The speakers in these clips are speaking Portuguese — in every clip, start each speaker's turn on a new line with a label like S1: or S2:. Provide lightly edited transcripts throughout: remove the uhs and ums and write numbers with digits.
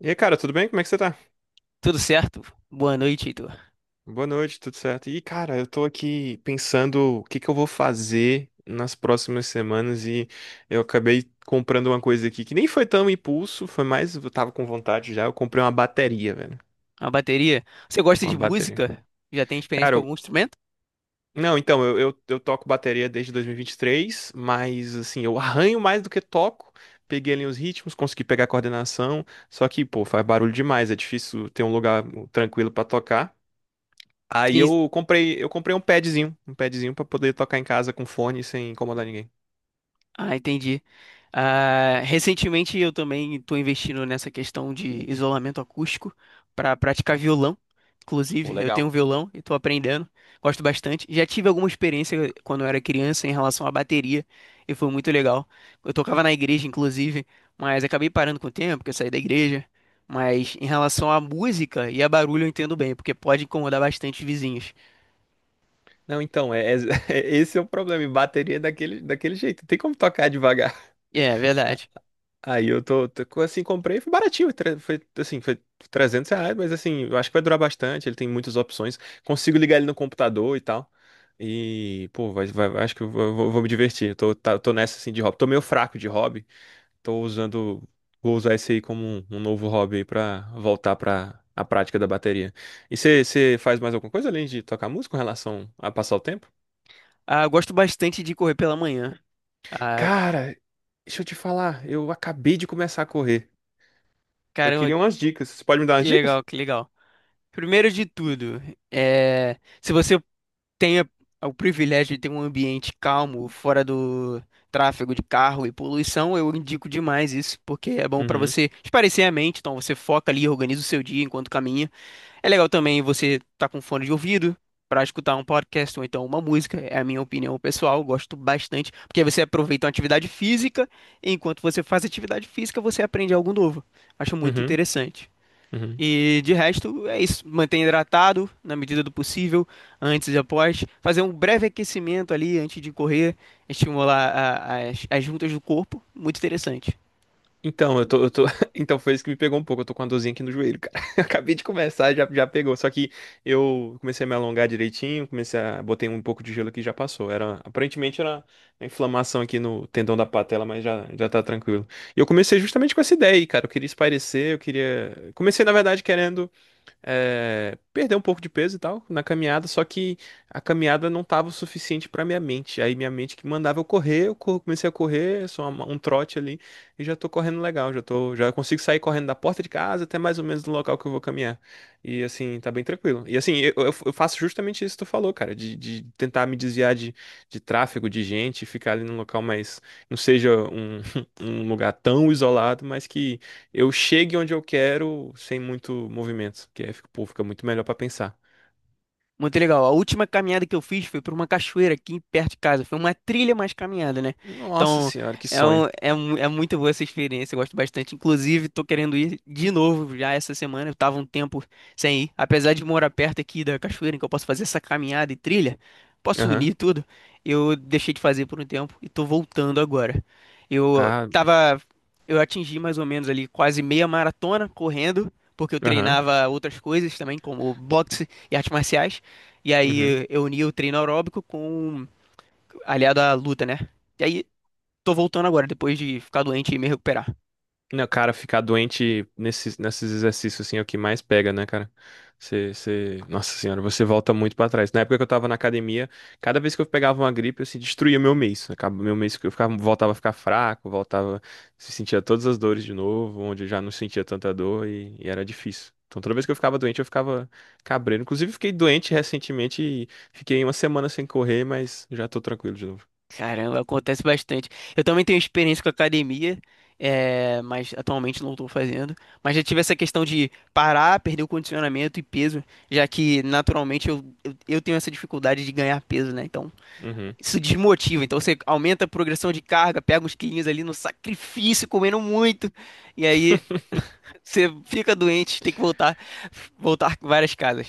S1: E aí, cara, tudo bem? Como é que você tá?
S2: Tudo certo? Boa noite, Heitor.
S1: Boa noite, tudo certo? E, cara, eu tô aqui pensando o que que eu vou fazer nas próximas semanas e eu acabei comprando uma coisa aqui que nem foi tão impulso, foi mais, eu tava com vontade já, eu comprei uma bateria, velho.
S2: A bateria. Você gosta
S1: Uma
S2: de
S1: bateria.
S2: música? Já tem experiência
S1: Cara,
S2: com
S1: eu-
S2: algum instrumento?
S1: não, então, eu toco bateria desde 2023, mas, assim, eu arranho mais do que toco. Peguei ali os ritmos, consegui pegar a coordenação, só que, pô, faz barulho demais, é difícil ter um lugar tranquilo pra tocar.
S2: Sim,
S1: Eu comprei um padzinho pra poder tocar em casa com fone sem incomodar ninguém.
S2: ah, entendi. Ah, recentemente eu também estou investindo nessa questão de isolamento acústico para praticar violão.
S1: Pô,
S2: Inclusive, eu tenho
S1: legal.
S2: um violão e estou aprendendo, gosto bastante. Já tive alguma experiência quando eu era criança em relação à bateria e foi muito legal. Eu tocava na igreja, inclusive, mas acabei parando com o tempo, porque eu saí da igreja. Mas em relação à música e a barulho eu entendo bem, porque pode incomodar bastante os vizinhos.
S1: Não, então, esse é o problema. Bateria é daquele jeito. Não tem como tocar devagar.
S2: É
S1: A-
S2: verdade.
S1: Aí eu assim, comprei, foi baratinho. Foi, assim, foi R$ 300, mas assim, eu acho que vai durar bastante. Ele tem muitas opções. Consigo ligar ele no computador e tal. E, pô, acho que eu vou me divertir. Eu tô nessa, assim, de hobby. Tô meio fraco de hobby. Tô usando, vou usar esse aí como um novo hobby aí pra voltar pra a prática da bateria. E você faz mais alguma coisa além de tocar música com relação a passar o tempo?
S2: Ah, eu gosto bastante de correr pela manhã. Ah,
S1: Cara, deixa eu te falar, eu acabei de começar a correr. Eu
S2: caramba.
S1: queria umas dicas. Você pode me dar
S2: Que
S1: umas dicas?
S2: legal, que legal. Primeiro de tudo, se você tem a- o privilégio de ter um ambiente calmo, fora do tráfego de carro e poluição, eu indico demais isso, porque é bom para
S1: Uhum,
S2: você espairecer a mente, então você foca ali, organiza o seu dia enquanto caminha. É legal também você tá com fone de ouvido para escutar um podcast ou então uma música. É a minha opinião pessoal, eu gosto bastante, porque aí você aproveita uma atividade física, e enquanto você faz atividade física, você aprende algo novo. Acho muito
S1: uhum,
S2: interessante.
S1: uhum.
S2: E de resto, é isso. Manter hidratado na medida do possível, antes e após. Fazer um breve aquecimento ali antes de correr, estimular as juntas do corpo. Muito interessante.
S1: Então, eu tô... Então foi isso que me pegou um pouco. Eu tô com a dorzinha aqui no joelho, cara. Eu acabei de começar, já pegou. Só que eu comecei a me alongar direitinho, comecei a... Botei um pouco de gelo aqui e já passou. Era... Aparentemente era uma inflamação aqui no tendão da patela, mas já tá tranquilo. E eu comecei justamente com essa ideia aí, cara. Eu queria espairecer, eu queria... Comecei, na verdade, querendo perder um pouco de peso e tal na caminhada, só que a caminhada não tava o suficiente pra minha mente. Aí minha mente que mandava eu correr, comecei a correr, um trote ali e já tô correndo legal, já consigo sair correndo da porta de casa até mais ou menos do local que eu vou caminhar. E assim, tá bem tranquilo. E assim, eu faço justamente isso que tu falou, cara, de tentar me desviar de tráfego, de gente, ficar ali num local mais, não seja um, um lugar tão isolado, mas que eu chegue onde eu quero sem muito movimento, que aí fica, pô, fica muito melhor pra pensar.
S2: Muito legal. A última caminhada que eu fiz foi por uma cachoeira aqui perto de casa. Foi uma trilha mais caminhada, né?
S1: Nossa
S2: Então,
S1: senhora, que sonho.
S2: um é muito boa essa experiência. Eu gosto bastante. Inclusive, tô querendo ir de novo já essa semana. Eu tava um tempo sem ir. Apesar de morar perto aqui da cachoeira, em que eu posso fazer essa caminhada e trilha, posso
S1: Aham,
S2: unir tudo. Eu deixei de fazer por um tempo e tô voltando agora. Eu
S1: tá.
S2: tava. Eu atingi mais ou menos ali quase meia maratona correndo, porque eu
S1: Aham,
S2: treinava outras coisas também, como boxe e artes marciais. E
S1: uhum.
S2: aí eu uni o treino aeróbico com aliado à luta, né? E aí tô voltando agora, depois de ficar doente e me recuperar.
S1: Não, cara, ficar doente nesses exercícios assim é o que mais pega, né, cara? Você... Nossa senhora, você volta muito pra trás. Na época que eu tava na academia, cada vez que eu pegava uma gripe, eu assim, destruía meu mês. Acaba meu mês que eu ficava, voltava a ficar fraco, voltava, se sentia todas as dores de novo, onde eu já não sentia tanta dor e era difícil. Então toda vez que eu ficava doente, eu ficava cabreiro. Inclusive, fiquei doente recentemente e fiquei uma semana sem correr, mas já tô tranquilo de novo.
S2: Caramba, acontece bastante. Eu também tenho experiência com academia, mas atualmente não estou fazendo. Mas já tive essa questão de parar, perder o condicionamento e peso, já que naturalmente eu tenho essa dificuldade de ganhar peso, né? Então
S1: Uhum.
S2: isso desmotiva. Então você aumenta a progressão de carga, pega uns quilinhos ali no sacrifício, comendo muito. E aí você fica doente, tem que voltar, voltar com várias casas.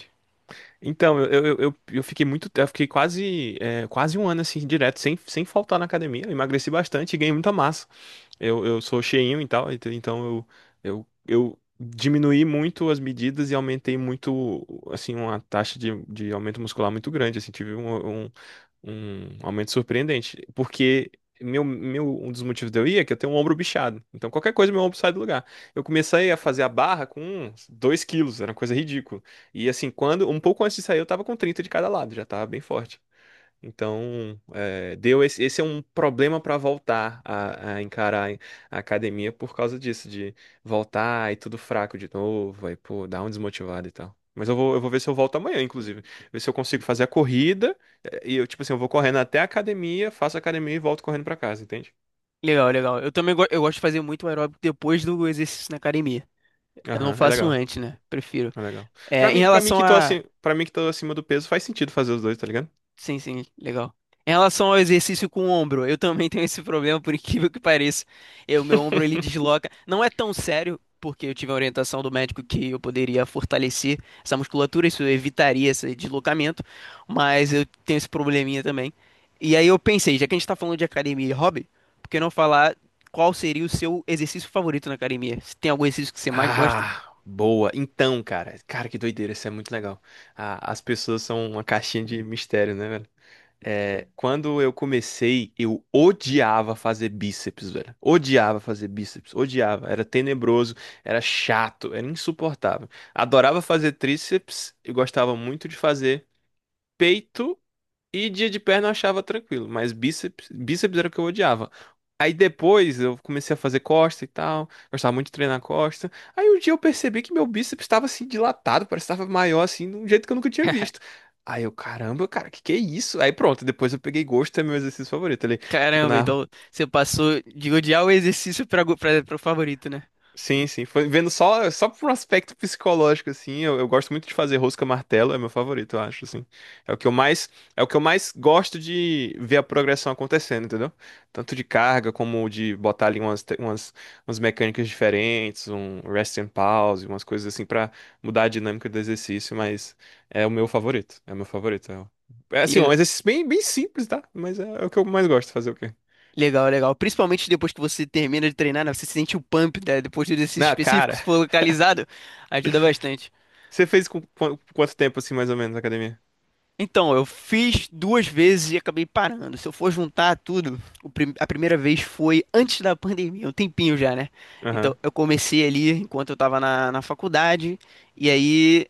S1: Então, eu fiquei muito, eu fiquei quase, quase um ano assim, direto, sem faltar na academia. Eu emagreci bastante e ganhei muita massa. Eu sou cheinho e tal, então eu diminuí muito as medidas e aumentei muito, assim, uma taxa de aumento muscular muito grande, assim, tive um, um aumento surpreendente, porque um dos motivos de eu ir é que eu tenho um ombro bichado, então qualquer coisa meu ombro sai do lugar. Eu comecei a fazer a barra com 2 kg, era uma coisa ridícula, e assim, quando, um pouco antes de sair eu tava com 30 de cada lado, já tava bem forte. Então, é, deu esse, esse é um problema para voltar a encarar a academia por causa disso, de voltar e tudo fraco de novo, aí, pô, dá um desmotivado e tal. Mas eu vou ver se eu volto amanhã, inclusive. Ver se eu consigo fazer a corrida. E eu, tipo assim, eu vou correndo até a academia, faço a academia e volto correndo para casa, entende?
S2: Legal, legal. Eu também go- eu gosto de fazer muito aeróbico depois do exercício na academia. Eu não
S1: Aham, é
S2: faço
S1: legal.
S2: antes, né? Prefiro.
S1: É legal. Pra
S2: É, em
S1: mim, para mim
S2: relação
S1: que tô
S2: a
S1: assim, para mim que tô acima do peso, faz sentido fazer os dois, tá ligado?
S2: sim, sim, legal. Em relação ao exercício com o ombro, eu também tenho esse problema, por incrível que pareça. Eu, meu ombro ele desloca. Não é tão sério, porque eu tive a orientação do médico que eu poderia fortalecer essa musculatura, isso evitaria esse deslocamento, mas eu tenho esse probleminha também. E aí eu pensei, já que a gente tá falando de academia e hobby, por que não falar qual seria o seu exercício favorito na academia? Se tem algum exercício que você mais gosta?
S1: Ah, boa. Então, cara, que doideira, isso é muito legal. Ah, as pessoas são uma caixinha de mistério, né, velho? É, quando eu comecei, eu odiava fazer bíceps, velho. Odiava fazer bíceps, odiava. Era tenebroso, era chato, era insuportável. Adorava fazer tríceps, eu gostava muito de fazer peito e dia de perna eu achava tranquilo, mas bíceps, bíceps era o que eu odiava. Aí depois eu comecei a fazer costa e tal, gostava muito de treinar costa. Aí um dia eu percebi que meu bíceps estava assim dilatado, parecia que estava maior assim, de um jeito que eu nunca tinha visto. Aí eu, caramba, cara, que é isso? Aí pronto, depois eu peguei gosto, é meu exercício favorito ali. Fico
S2: Caramba,
S1: na
S2: então você passou de odiar o exercício para o favorito, né?
S1: Sim, sim. Foi vendo só por um aspecto psicológico, assim. Eu gosto muito de fazer rosca martelo, é meu favorito, eu acho, assim. É o que eu mais, é o que eu mais gosto de ver a progressão acontecendo, entendeu? Tanto de carga como de botar ali umas mecânicas diferentes, um rest and pause, umas coisas assim pra mudar a dinâmica do exercício, mas é o meu favorito. É o meu favorito. Assim,
S2: Que
S1: um exercício bem simples, tá? Mas é o que eu mais gosto de fazer, o quê?
S2: legal, legal. Principalmente depois que você termina de treinar, né? Você sente o pump, né? Depois do exercício
S1: Na
S2: específico,
S1: cara,
S2: se for localizado, ajuda bastante.
S1: você fez com quanto tempo, assim, mais ou menos, na academia?
S2: Então, eu fiz duas vezes e acabei parando. Se eu for juntar tudo, a primeira vez foi antes da pandemia, um tempinho já, né? Então,
S1: Aham.
S2: eu comecei ali enquanto eu tava na faculdade, e aí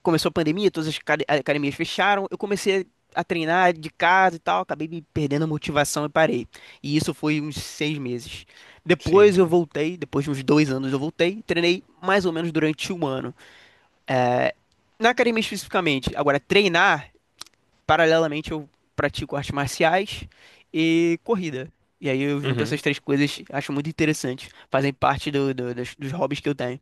S2: começou a pandemia, todas academias fecharam, eu comecei a treinar de casa e tal, acabei me perdendo a motivação e parei. E isso foi uns seis meses. Depois
S1: Sim.
S2: eu voltei, depois de uns dois anos eu voltei, treinei mais ou menos durante um ano. Na academia especificamente, agora treinar, paralelamente eu pratico artes marciais e corrida. E aí eu junto
S1: Uhum.
S2: essas três coisas, acho muito interessante, fazem parte dos hobbies que eu tenho.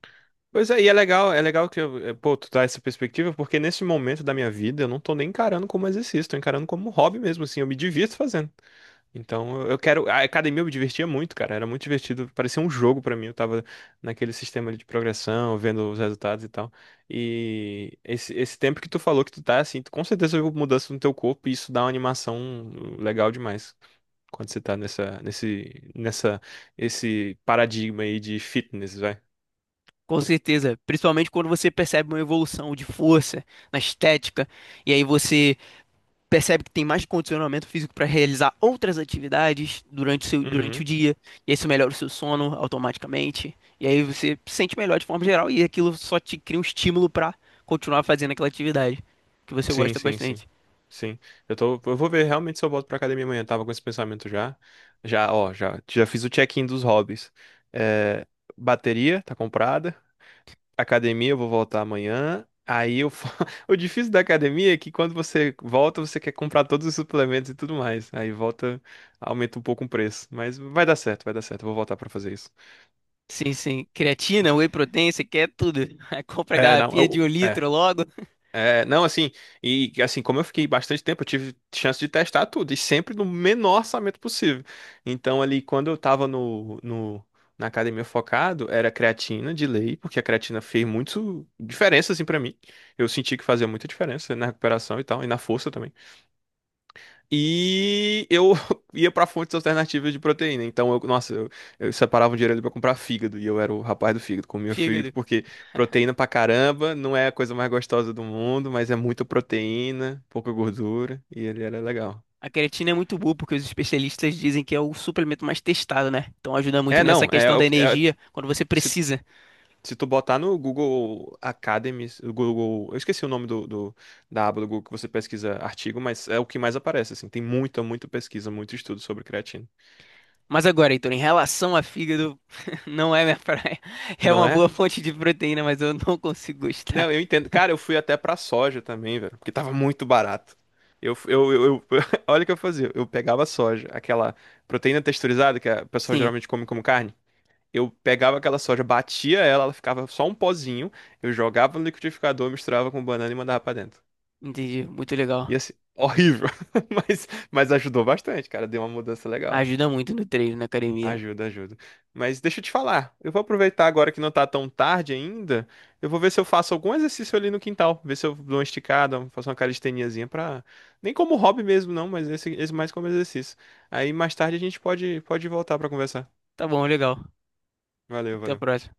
S1: Pois é, e é legal que eu, pô, tu dá essa perspectiva, porque nesse momento da minha vida eu não tô nem encarando como exercício, tô encarando como hobby mesmo, assim, eu me divirto fazendo. Então eu quero. A academia eu me divertia muito, cara. Era muito divertido. Parecia um jogo pra mim. Eu tava naquele sistema ali de progressão, vendo os resultados e tal. E esse tempo que tu falou que tu tá assim, tu, com certeza houve mudança no teu corpo e isso dá uma animação legal demais. Quando você tá esse paradigma aí de fitness, vai.
S2: Com certeza, principalmente quando você percebe uma evolução de força na estética, e aí você percebe que tem mais condicionamento físico para realizar outras atividades durante durante o
S1: Uhum.
S2: dia, e aí isso melhora o seu sono automaticamente, e aí você se sente melhor de forma geral, e aquilo só te cria um estímulo para continuar fazendo aquela atividade que você
S1: Sim,
S2: gosta
S1: sim, sim.
S2: bastante.
S1: Sim. Eu tô, eu vou ver realmente se eu volto pra academia amanhã. Tava com esse pensamento já. Já fiz o check-in dos hobbies. É, bateria tá comprada. Academia eu vou voltar amanhã. O difícil da academia é que quando você volta, você quer comprar todos os suplementos e tudo mais. Aí volta, aumenta um pouco o preço. Mas vai dar certo, vai dar certo. Eu vou voltar pra fazer isso.
S2: Sim, sim. Creatina, whey protein, você quer tudo. Aí compra a
S1: É, não,
S2: garrafinha de
S1: eu-
S2: um
S1: é,
S2: litro logo,
S1: É, não, assim, e assim, como eu fiquei bastante tempo, eu tive chance de testar tudo, e sempre no menor orçamento possível. Então, ali, quando eu tava na academia focado, era creatina de lei, porque a creatina fez muito diferença, assim, pra mim. Eu senti que fazia muita diferença na recuperação e tal, e na força também. E eu ia pra fontes alternativas de proteína. Então, eu separava um dinheiro ali pra comprar fígado. E eu era o rapaz do fígado, comia
S2: fígado.
S1: fígado, porque proteína pra caramba não é a coisa mais gostosa do mundo, mas é muita proteína, pouca gordura, e ele era legal.
S2: A creatina é muito boa porque os especialistas dizem que é o suplemento mais testado, né? Então ajuda muito
S1: É,
S2: nessa
S1: não, é,
S2: questão
S1: o
S2: da
S1: que- é-
S2: energia quando você
S1: se,
S2: precisa.
S1: se tu botar no Google Academy, o Google, eu esqueci o nome da aba do Google que você pesquisa artigo, mas é o que mais aparece, assim. Tem muita pesquisa, muito estudo sobre creatina.
S2: Mas agora, Heitor, em relação a fígado, não é minha praia. É
S1: Não
S2: uma
S1: é?
S2: boa fonte de proteína, mas eu não consigo gostar.
S1: Não, eu entendo. Cara, eu fui até pra soja também, velho, porque tava muito barato. Eu, eu, eu, eu- olha o que eu fazia. Eu pegava soja, aquela proteína texturizada que a pessoa
S2: Sim,
S1: geralmente come como carne. Eu pegava aquela soja, batia ela, ela ficava só um pozinho. Eu jogava no liquidificador, misturava com banana e mandava pra dentro.
S2: entendi. Muito
S1: E
S2: legal.
S1: assim, horrível. Mas, ajudou bastante, cara. Deu uma mudança legal.
S2: Ajuda muito no treino, na academia.
S1: Ajuda, ajuda. Mas deixa eu te falar, eu vou aproveitar agora que não tá tão tarde ainda, eu vou ver se eu faço algum exercício ali no quintal, ver se eu dou uma esticada, faço uma calisteniazinha pra... Nem como hobby mesmo não, mas esse mais como exercício. Aí mais tarde a gente pode, pode voltar pra conversar.
S2: Tá bom, legal.
S1: Valeu,
S2: Até a
S1: valeu.
S2: próxima.